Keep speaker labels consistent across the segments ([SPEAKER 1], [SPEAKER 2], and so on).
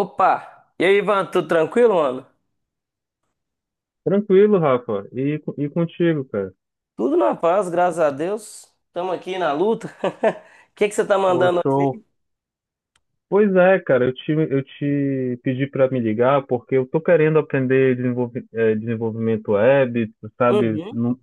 [SPEAKER 1] Opa! E aí, Ivan, tudo tranquilo, mano?
[SPEAKER 2] Tranquilo, Rafa. E contigo, cara?
[SPEAKER 1] Tudo na paz, graças a Deus. Estamos aqui na luta. O que que você tá
[SPEAKER 2] Pô,
[SPEAKER 1] mandando
[SPEAKER 2] show.
[SPEAKER 1] hoje?
[SPEAKER 2] Pois é, cara, eu te pedi para me ligar porque eu tô querendo aprender desenvolvimento web,
[SPEAKER 1] Aí?
[SPEAKER 2] tu sabe?
[SPEAKER 1] Uhum,
[SPEAKER 2] Não,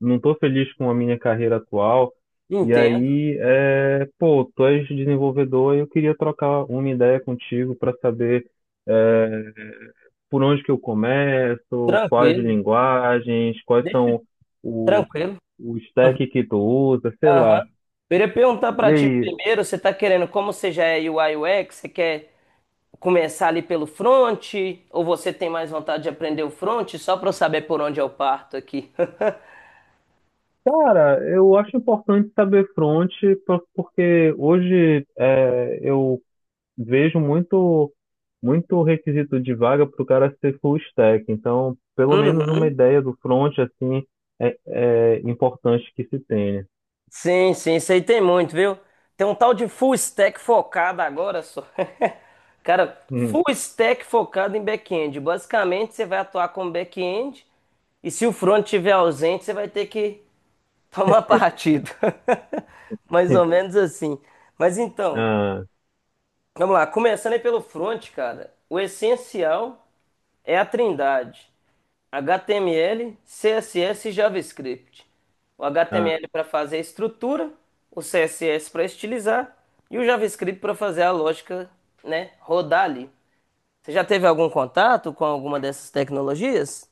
[SPEAKER 2] não tô feliz com a minha carreira atual. E
[SPEAKER 1] entendo.
[SPEAKER 2] aí, pô, tu és desenvolvedor e eu queria trocar uma ideia contigo para saber, eh, por onde que eu começo, quais
[SPEAKER 1] Tranquilo.
[SPEAKER 2] linguagens, quais
[SPEAKER 1] Deixa eu-
[SPEAKER 2] são o,
[SPEAKER 1] tranquilo.
[SPEAKER 2] o stack que tu usa, sei
[SPEAKER 1] Aham.
[SPEAKER 2] lá.
[SPEAKER 1] Eu iria perguntar
[SPEAKER 2] E
[SPEAKER 1] pra ti
[SPEAKER 2] aí,
[SPEAKER 1] primeiro, você tá querendo, como você já é UI UX, você quer começar ali pelo front ou você tem mais vontade de aprender o front? Só pra eu saber por onde eu parto aqui.
[SPEAKER 2] cara, eu acho importante saber front, porque hoje eu vejo muito, muito requisito de vaga para o cara ser full stack. Então, pelo menos uma
[SPEAKER 1] Uhum.
[SPEAKER 2] ideia do front, assim, é importante que se tenha.
[SPEAKER 1] Sim, sim, isso aí tem muito, viu? Tem um tal de full stack focado agora só. Cara,
[SPEAKER 2] Hum.
[SPEAKER 1] full stack focado em back-end. Basicamente, você vai atuar como back-end e se o front estiver ausente, você vai ter que tomar partido. Mais ou menos assim. Mas então,
[SPEAKER 2] Ah,
[SPEAKER 1] vamos lá. Começando aí pelo front, cara. O essencial é a trindade. HTML, CSS e JavaScript. O
[SPEAKER 2] ah.
[SPEAKER 1] HTML para fazer a estrutura, o CSS para estilizar e o JavaScript para fazer a lógica, né, rodar ali. Você já teve algum contato com alguma dessas tecnologias?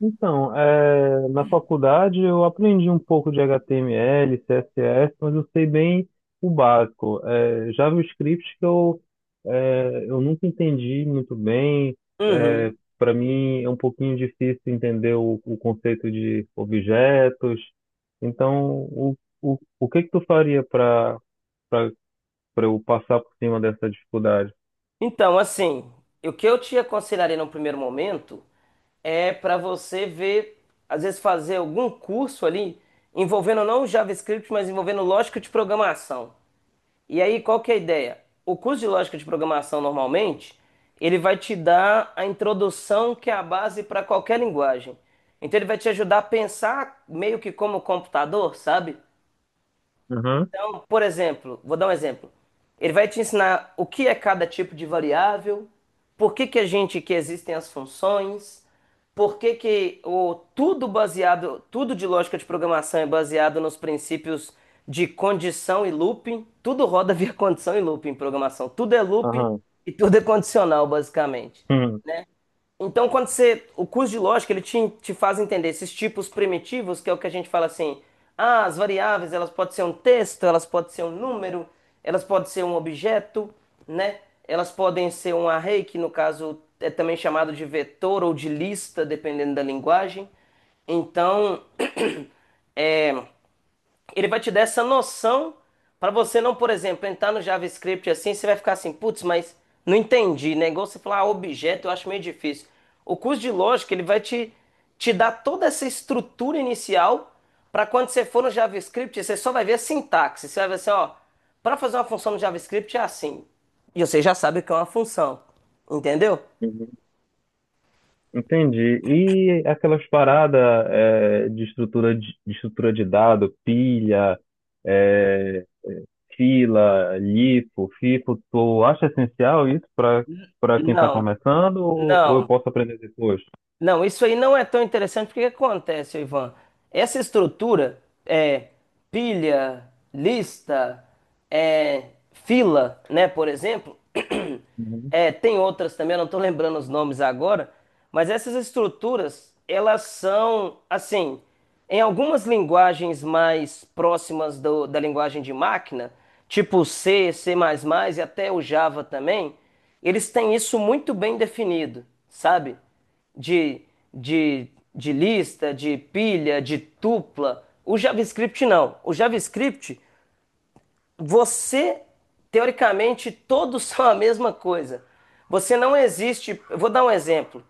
[SPEAKER 2] Então, na faculdade eu aprendi um pouco de HTML, CSS, mas eu sei bem o básico. JavaScript que eu nunca entendi muito bem. É,
[SPEAKER 1] Uhum.
[SPEAKER 2] Para mim é um pouquinho difícil entender o conceito de objetos. Então, o que que tu faria para eu passar por cima dessa dificuldade?
[SPEAKER 1] Então, assim, o que eu te aconselharia no primeiro momento é para você ver, às vezes fazer algum curso ali envolvendo não o JavaScript, mas envolvendo lógica de programação. E aí, qual que é a ideia? O curso de lógica de programação, normalmente, ele vai te dar a introdução que é a base para qualquer linguagem. Então, ele vai te ajudar a pensar meio que como computador, sabe?
[SPEAKER 2] Aham,
[SPEAKER 1] Então, por exemplo, vou dar um exemplo. Ele vai te ensinar o que é cada tipo de variável, por que que a gente que existem as funções, por que que o tudo baseado, tudo de lógica de programação é baseado nos princípios de condição e looping, tudo roda via condição e looping em programação, tudo é looping
[SPEAKER 2] aham.
[SPEAKER 1] e tudo é condicional basicamente. Então, quando você, o curso de lógica, ele te faz entender esses tipos primitivos, que é o que a gente fala assim, ah, as variáveis, elas podem ser um texto, elas podem ser um número, elas podem ser um objeto, né? Elas podem ser um array, que no caso é também chamado de vetor ou de lista, dependendo da linguagem. Então, ele vai te dar essa noção para você não, por exemplo, entrar no JavaScript assim, você vai ficar assim, putz, mas não entendi, né? Igual você falar ah, objeto, eu acho meio difícil. O curso de lógica, ele vai te dar toda essa estrutura inicial para quando você for no JavaScript, você só vai ver a sintaxe. Você vai ver assim, ó, para fazer uma função no JavaScript é assim. E você já sabe o que é uma função, entendeu?
[SPEAKER 2] Hum. Entendi. E aquelas paradas de estrutura de estrutura de dado, pilha, é, fila, LIFO, FIFO, tu acha essencial isso para quem está
[SPEAKER 1] Não,
[SPEAKER 2] começando ou eu
[SPEAKER 1] não.
[SPEAKER 2] posso aprender depois?
[SPEAKER 1] Não, isso aí não é tão interessante porque o que acontece, Ivan? Essa estrutura é pilha, lista, é, fila, né, por exemplo.
[SPEAKER 2] Uhum,
[SPEAKER 1] É, tem outras também, eu não estou lembrando os nomes agora, mas essas estruturas, elas são, assim, em algumas linguagens mais próximas da linguagem de máquina, tipo C, C++ e até o Java também, eles têm isso muito bem definido, sabe? de, de, de lista, de pilha, de tupla. O JavaScript não. O JavaScript, você, teoricamente, todos são a mesma coisa. Você não existe. Eu vou dar um exemplo,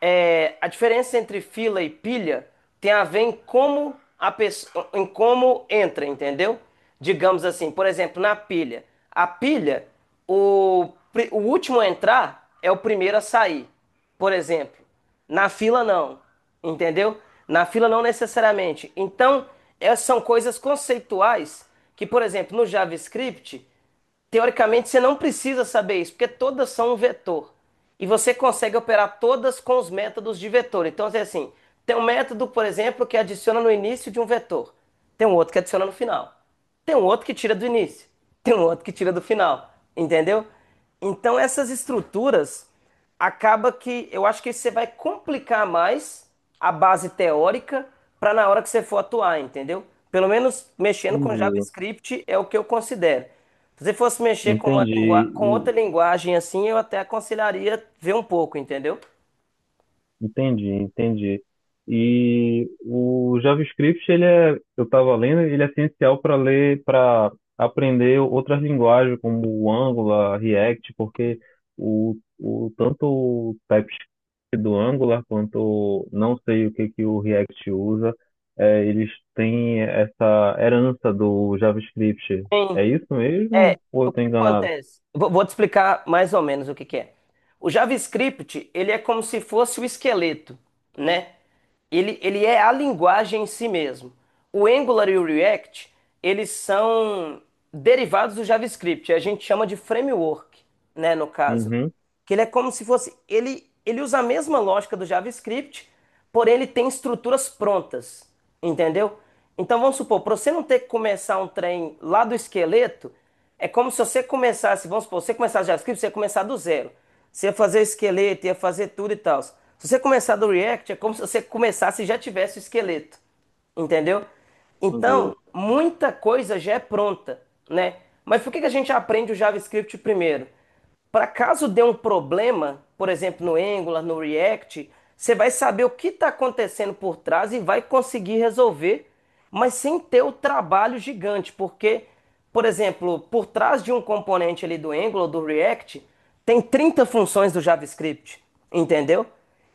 [SPEAKER 1] é, a diferença entre fila e pilha tem a ver em como a pessoa, em como entra, entendeu? Digamos assim, por exemplo, na pilha. A pilha, o, o último a entrar é o primeiro a sair, por exemplo. Na fila, não, entendeu? Na fila, não necessariamente. Então, essas são coisas conceituais que, por exemplo, no JavaScript, teoricamente, você não precisa saber isso, porque todas são um vetor. E você consegue operar todas com os métodos de vetor. Então, é assim, tem um método, por exemplo, que adiciona no início de um vetor. Tem um outro que adiciona no final. Tem um outro que tira do início. Tem um outro que tira do final. Entendeu? Então, essas estruturas acaba que eu acho que você vai complicar mais a base teórica para na hora que você for atuar, entendeu? Pelo menos mexendo com
[SPEAKER 2] entendi.
[SPEAKER 1] JavaScript é o que eu considero. Se você fosse mexer com uma
[SPEAKER 2] Entendi.
[SPEAKER 1] com outra linguagem assim, eu até aconselharia ver um pouco, entendeu?
[SPEAKER 2] Entendi, entendi. E o JavaScript, ele é, eu estava lendo, ele é essencial para ler, para aprender outras linguagens como o Angular, React, porque o tanto o TypeScript do Angular quanto não sei o que que o React usa, eles têm essa herança do JavaScript.
[SPEAKER 1] Sim.
[SPEAKER 2] É isso
[SPEAKER 1] É,
[SPEAKER 2] mesmo? Ou eu
[SPEAKER 1] o
[SPEAKER 2] estou
[SPEAKER 1] que
[SPEAKER 2] enganado?
[SPEAKER 1] acontece? Vou te explicar mais ou menos o que que é. O JavaScript, ele é como se fosse o esqueleto, né? Ele é a linguagem em si mesmo. O Angular e o React, eles são derivados do JavaScript. A gente chama de framework, né, no caso.
[SPEAKER 2] Uhum,
[SPEAKER 1] Que ele é como se fosse. Ele usa a mesma lógica do JavaScript, porém ele tem estruturas prontas. Entendeu? Então vamos supor, para você não ter que começar um trem lá do esqueleto, é como se você começasse, vamos supor, você começasse JavaScript, você ia começar do zero. Você ia fazer esqueleto, ia fazer tudo e tal. Se você começar do React, é como se você começasse e já tivesse o esqueleto. Entendeu?
[SPEAKER 2] entendi.
[SPEAKER 1] Então, muita coisa já é pronta, né? Mas por que que a gente aprende o JavaScript primeiro? Para caso dê um problema, por exemplo, no Angular, no React, você vai saber o que está acontecendo por trás e vai conseguir resolver, mas sem ter o trabalho gigante, porque, por exemplo, por trás de um componente ali do Angular, do React, tem 30 funções do JavaScript, entendeu?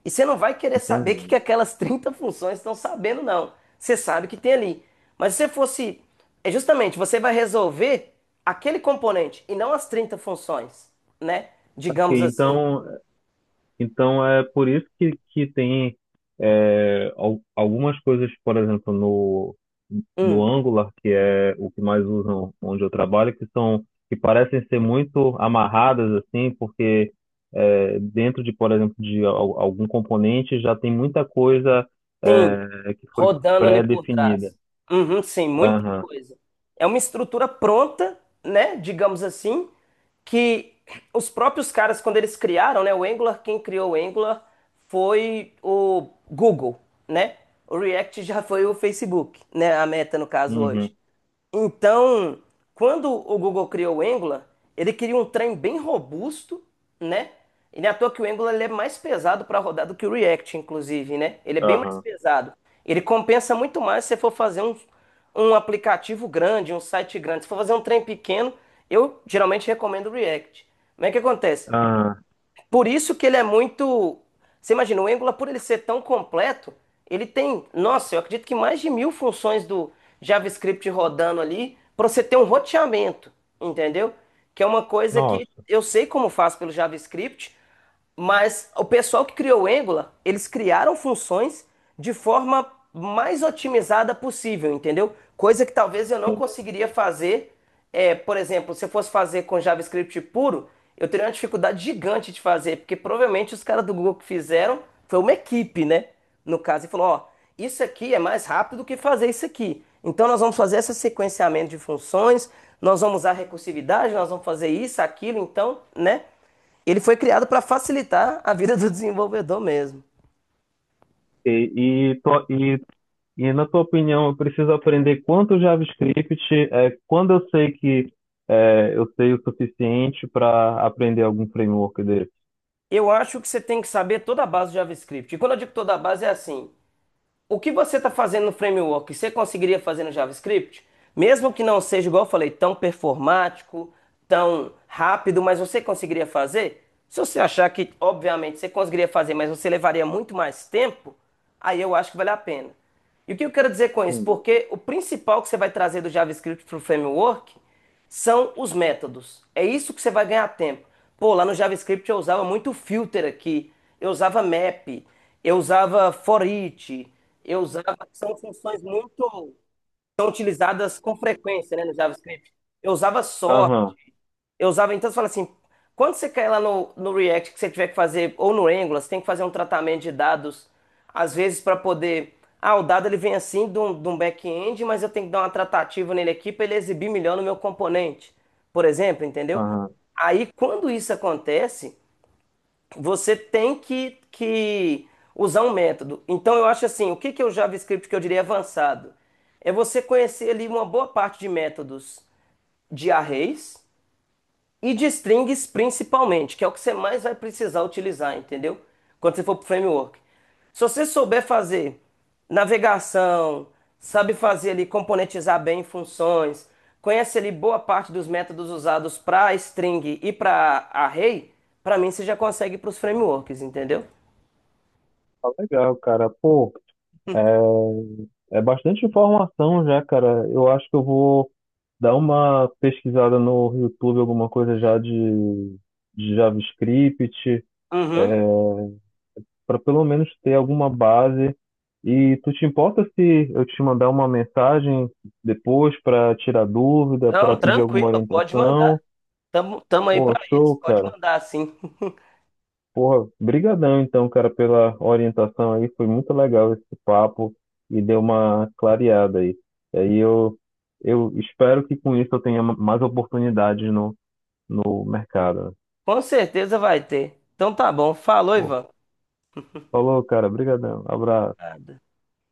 [SPEAKER 1] E você não vai querer saber o que, que
[SPEAKER 2] Entendi.
[SPEAKER 1] aquelas 30 funções estão sabendo, não. Você sabe o que tem ali. Mas se você fosse é justamente, você vai resolver aquele componente e não as 30 funções, né?
[SPEAKER 2] Ok.
[SPEAKER 1] Digamos assim.
[SPEAKER 2] Então é por isso que tem algumas coisas, por exemplo, no
[SPEAKER 1] Hum,
[SPEAKER 2] Angular, que é o que mais usam onde eu trabalho, que são que parecem ser muito amarradas assim, porque dentro de, por exemplo, de algum componente já tem muita coisa
[SPEAKER 1] Sim,
[SPEAKER 2] que foi
[SPEAKER 1] rodando ali por
[SPEAKER 2] pré-definida.
[SPEAKER 1] trás. Uhum, sim, muita
[SPEAKER 2] Aham,
[SPEAKER 1] coisa. É uma estrutura pronta, né? Digamos assim, que os próprios caras, quando eles criaram, né? O Angular, quem criou o Angular foi o Google, né? O React já foi o Facebook, né? A Meta, no caso, hoje.
[SPEAKER 2] uhum,
[SPEAKER 1] Então, quando o Google criou o Angular, ele queria um trem bem robusto, né? E não é à toa que o Angular ele é mais pesado para rodar do que o React, inclusive, né? Ele é bem mais
[SPEAKER 2] aham,
[SPEAKER 1] pesado. Ele compensa muito mais se você for fazer um aplicativo grande, um site grande. Se for fazer um trem pequeno, eu geralmente recomendo o React. Como é que acontece?
[SPEAKER 2] aham.
[SPEAKER 1] Por isso que ele é muito. Você imagina, o Angular, por ele ser tão completo, ele tem, nossa, eu acredito que mais de 1.000 funções do JavaScript rodando ali para você ter um roteamento, entendeu? Que é uma coisa que
[SPEAKER 2] Nossa.
[SPEAKER 1] eu sei como faz pelo JavaScript. Mas o pessoal que criou o Angular, eles criaram funções de forma mais otimizada possível, entendeu? Coisa que talvez eu não conseguiria fazer, é, por exemplo, se eu fosse fazer com JavaScript puro, eu teria uma dificuldade gigante de fazer, porque provavelmente os caras do Google que fizeram foi uma equipe, né? No caso, e falou, ó, isso aqui é mais rápido do que fazer isso aqui. Então nós vamos fazer esse sequenciamento de funções, nós vamos usar recursividade, nós vamos fazer isso, aquilo, então, né? Ele foi criado para facilitar a vida do desenvolvedor mesmo.
[SPEAKER 2] E, e, to- e E na tua opinião, eu preciso aprender quanto JavaScript, quando eu sei que eu sei o suficiente para aprender algum framework dele?
[SPEAKER 1] Eu acho que você tem que saber toda a base do JavaScript. E quando eu digo toda a base, é assim: o que você está fazendo no framework, você conseguiria fazer no JavaScript? Mesmo que não seja, igual eu falei, tão performático, tão rápido, mas você conseguiria fazer? Se você achar que, obviamente, você conseguiria fazer, mas você levaria muito mais tempo, aí eu acho que vale a pena. E o que eu quero dizer com isso?
[SPEAKER 2] Entendi.
[SPEAKER 1] Porque o principal que você vai trazer do JavaScript para o framework são os métodos. É isso que você vai ganhar tempo. Pô, lá no JavaScript eu usava muito filter aqui, eu usava map, eu usava for each, eu usava. São funções muito. São utilizadas com frequência, né, no JavaScript. Eu usava sort.
[SPEAKER 2] Aham,
[SPEAKER 1] Eu usava então, você fala assim, quando você cai lá no React, que você tiver que fazer, ou no Angular, você tem que fazer um tratamento de dados, às vezes para poder, ah, o dado ele vem assim de um back-end, mas eu tenho que dar uma tratativa nele aqui para ele exibir melhor no meu componente, por exemplo, entendeu?
[SPEAKER 2] aham.
[SPEAKER 1] Aí, quando isso acontece, você tem que usar um método. Então, eu acho assim, o que que é o JavaScript que eu diria avançado? É você conhecer ali uma boa parte de métodos de arrays, e de strings principalmente, que é o que você mais vai precisar utilizar, entendeu? Quando você for para o framework. Se você souber fazer navegação, sabe fazer ali componentizar bem funções, conhece ali boa parte dos métodos usados para string e para array, para mim você já consegue para os frameworks, entendeu?
[SPEAKER 2] Tá legal, cara. Pô, é bastante informação já, cara. Eu acho que eu vou dar uma pesquisada no YouTube, alguma coisa já de JavaScript.
[SPEAKER 1] Uhum.
[SPEAKER 2] Para pelo menos ter alguma base. E tu te importa se eu te mandar uma mensagem depois para tirar dúvida,
[SPEAKER 1] Não,
[SPEAKER 2] para pedir alguma
[SPEAKER 1] tranquilo, pode mandar.
[SPEAKER 2] orientação?
[SPEAKER 1] Tamo, tamo aí
[SPEAKER 2] Pô,
[SPEAKER 1] para isso,
[SPEAKER 2] show,
[SPEAKER 1] pode
[SPEAKER 2] cara.
[SPEAKER 1] mandar sim.
[SPEAKER 2] Porra, brigadão então, cara, pela orientação aí. Foi muito legal esse papo e deu uma clareada aí. E aí eu espero que com isso eu tenha mais oportunidades no mercado.
[SPEAKER 1] Com certeza vai ter. Então tá bom, falou,
[SPEAKER 2] Pô,
[SPEAKER 1] Ivan.
[SPEAKER 2] falou, cara. Brigadão. Abraço.
[SPEAKER 1] Nada.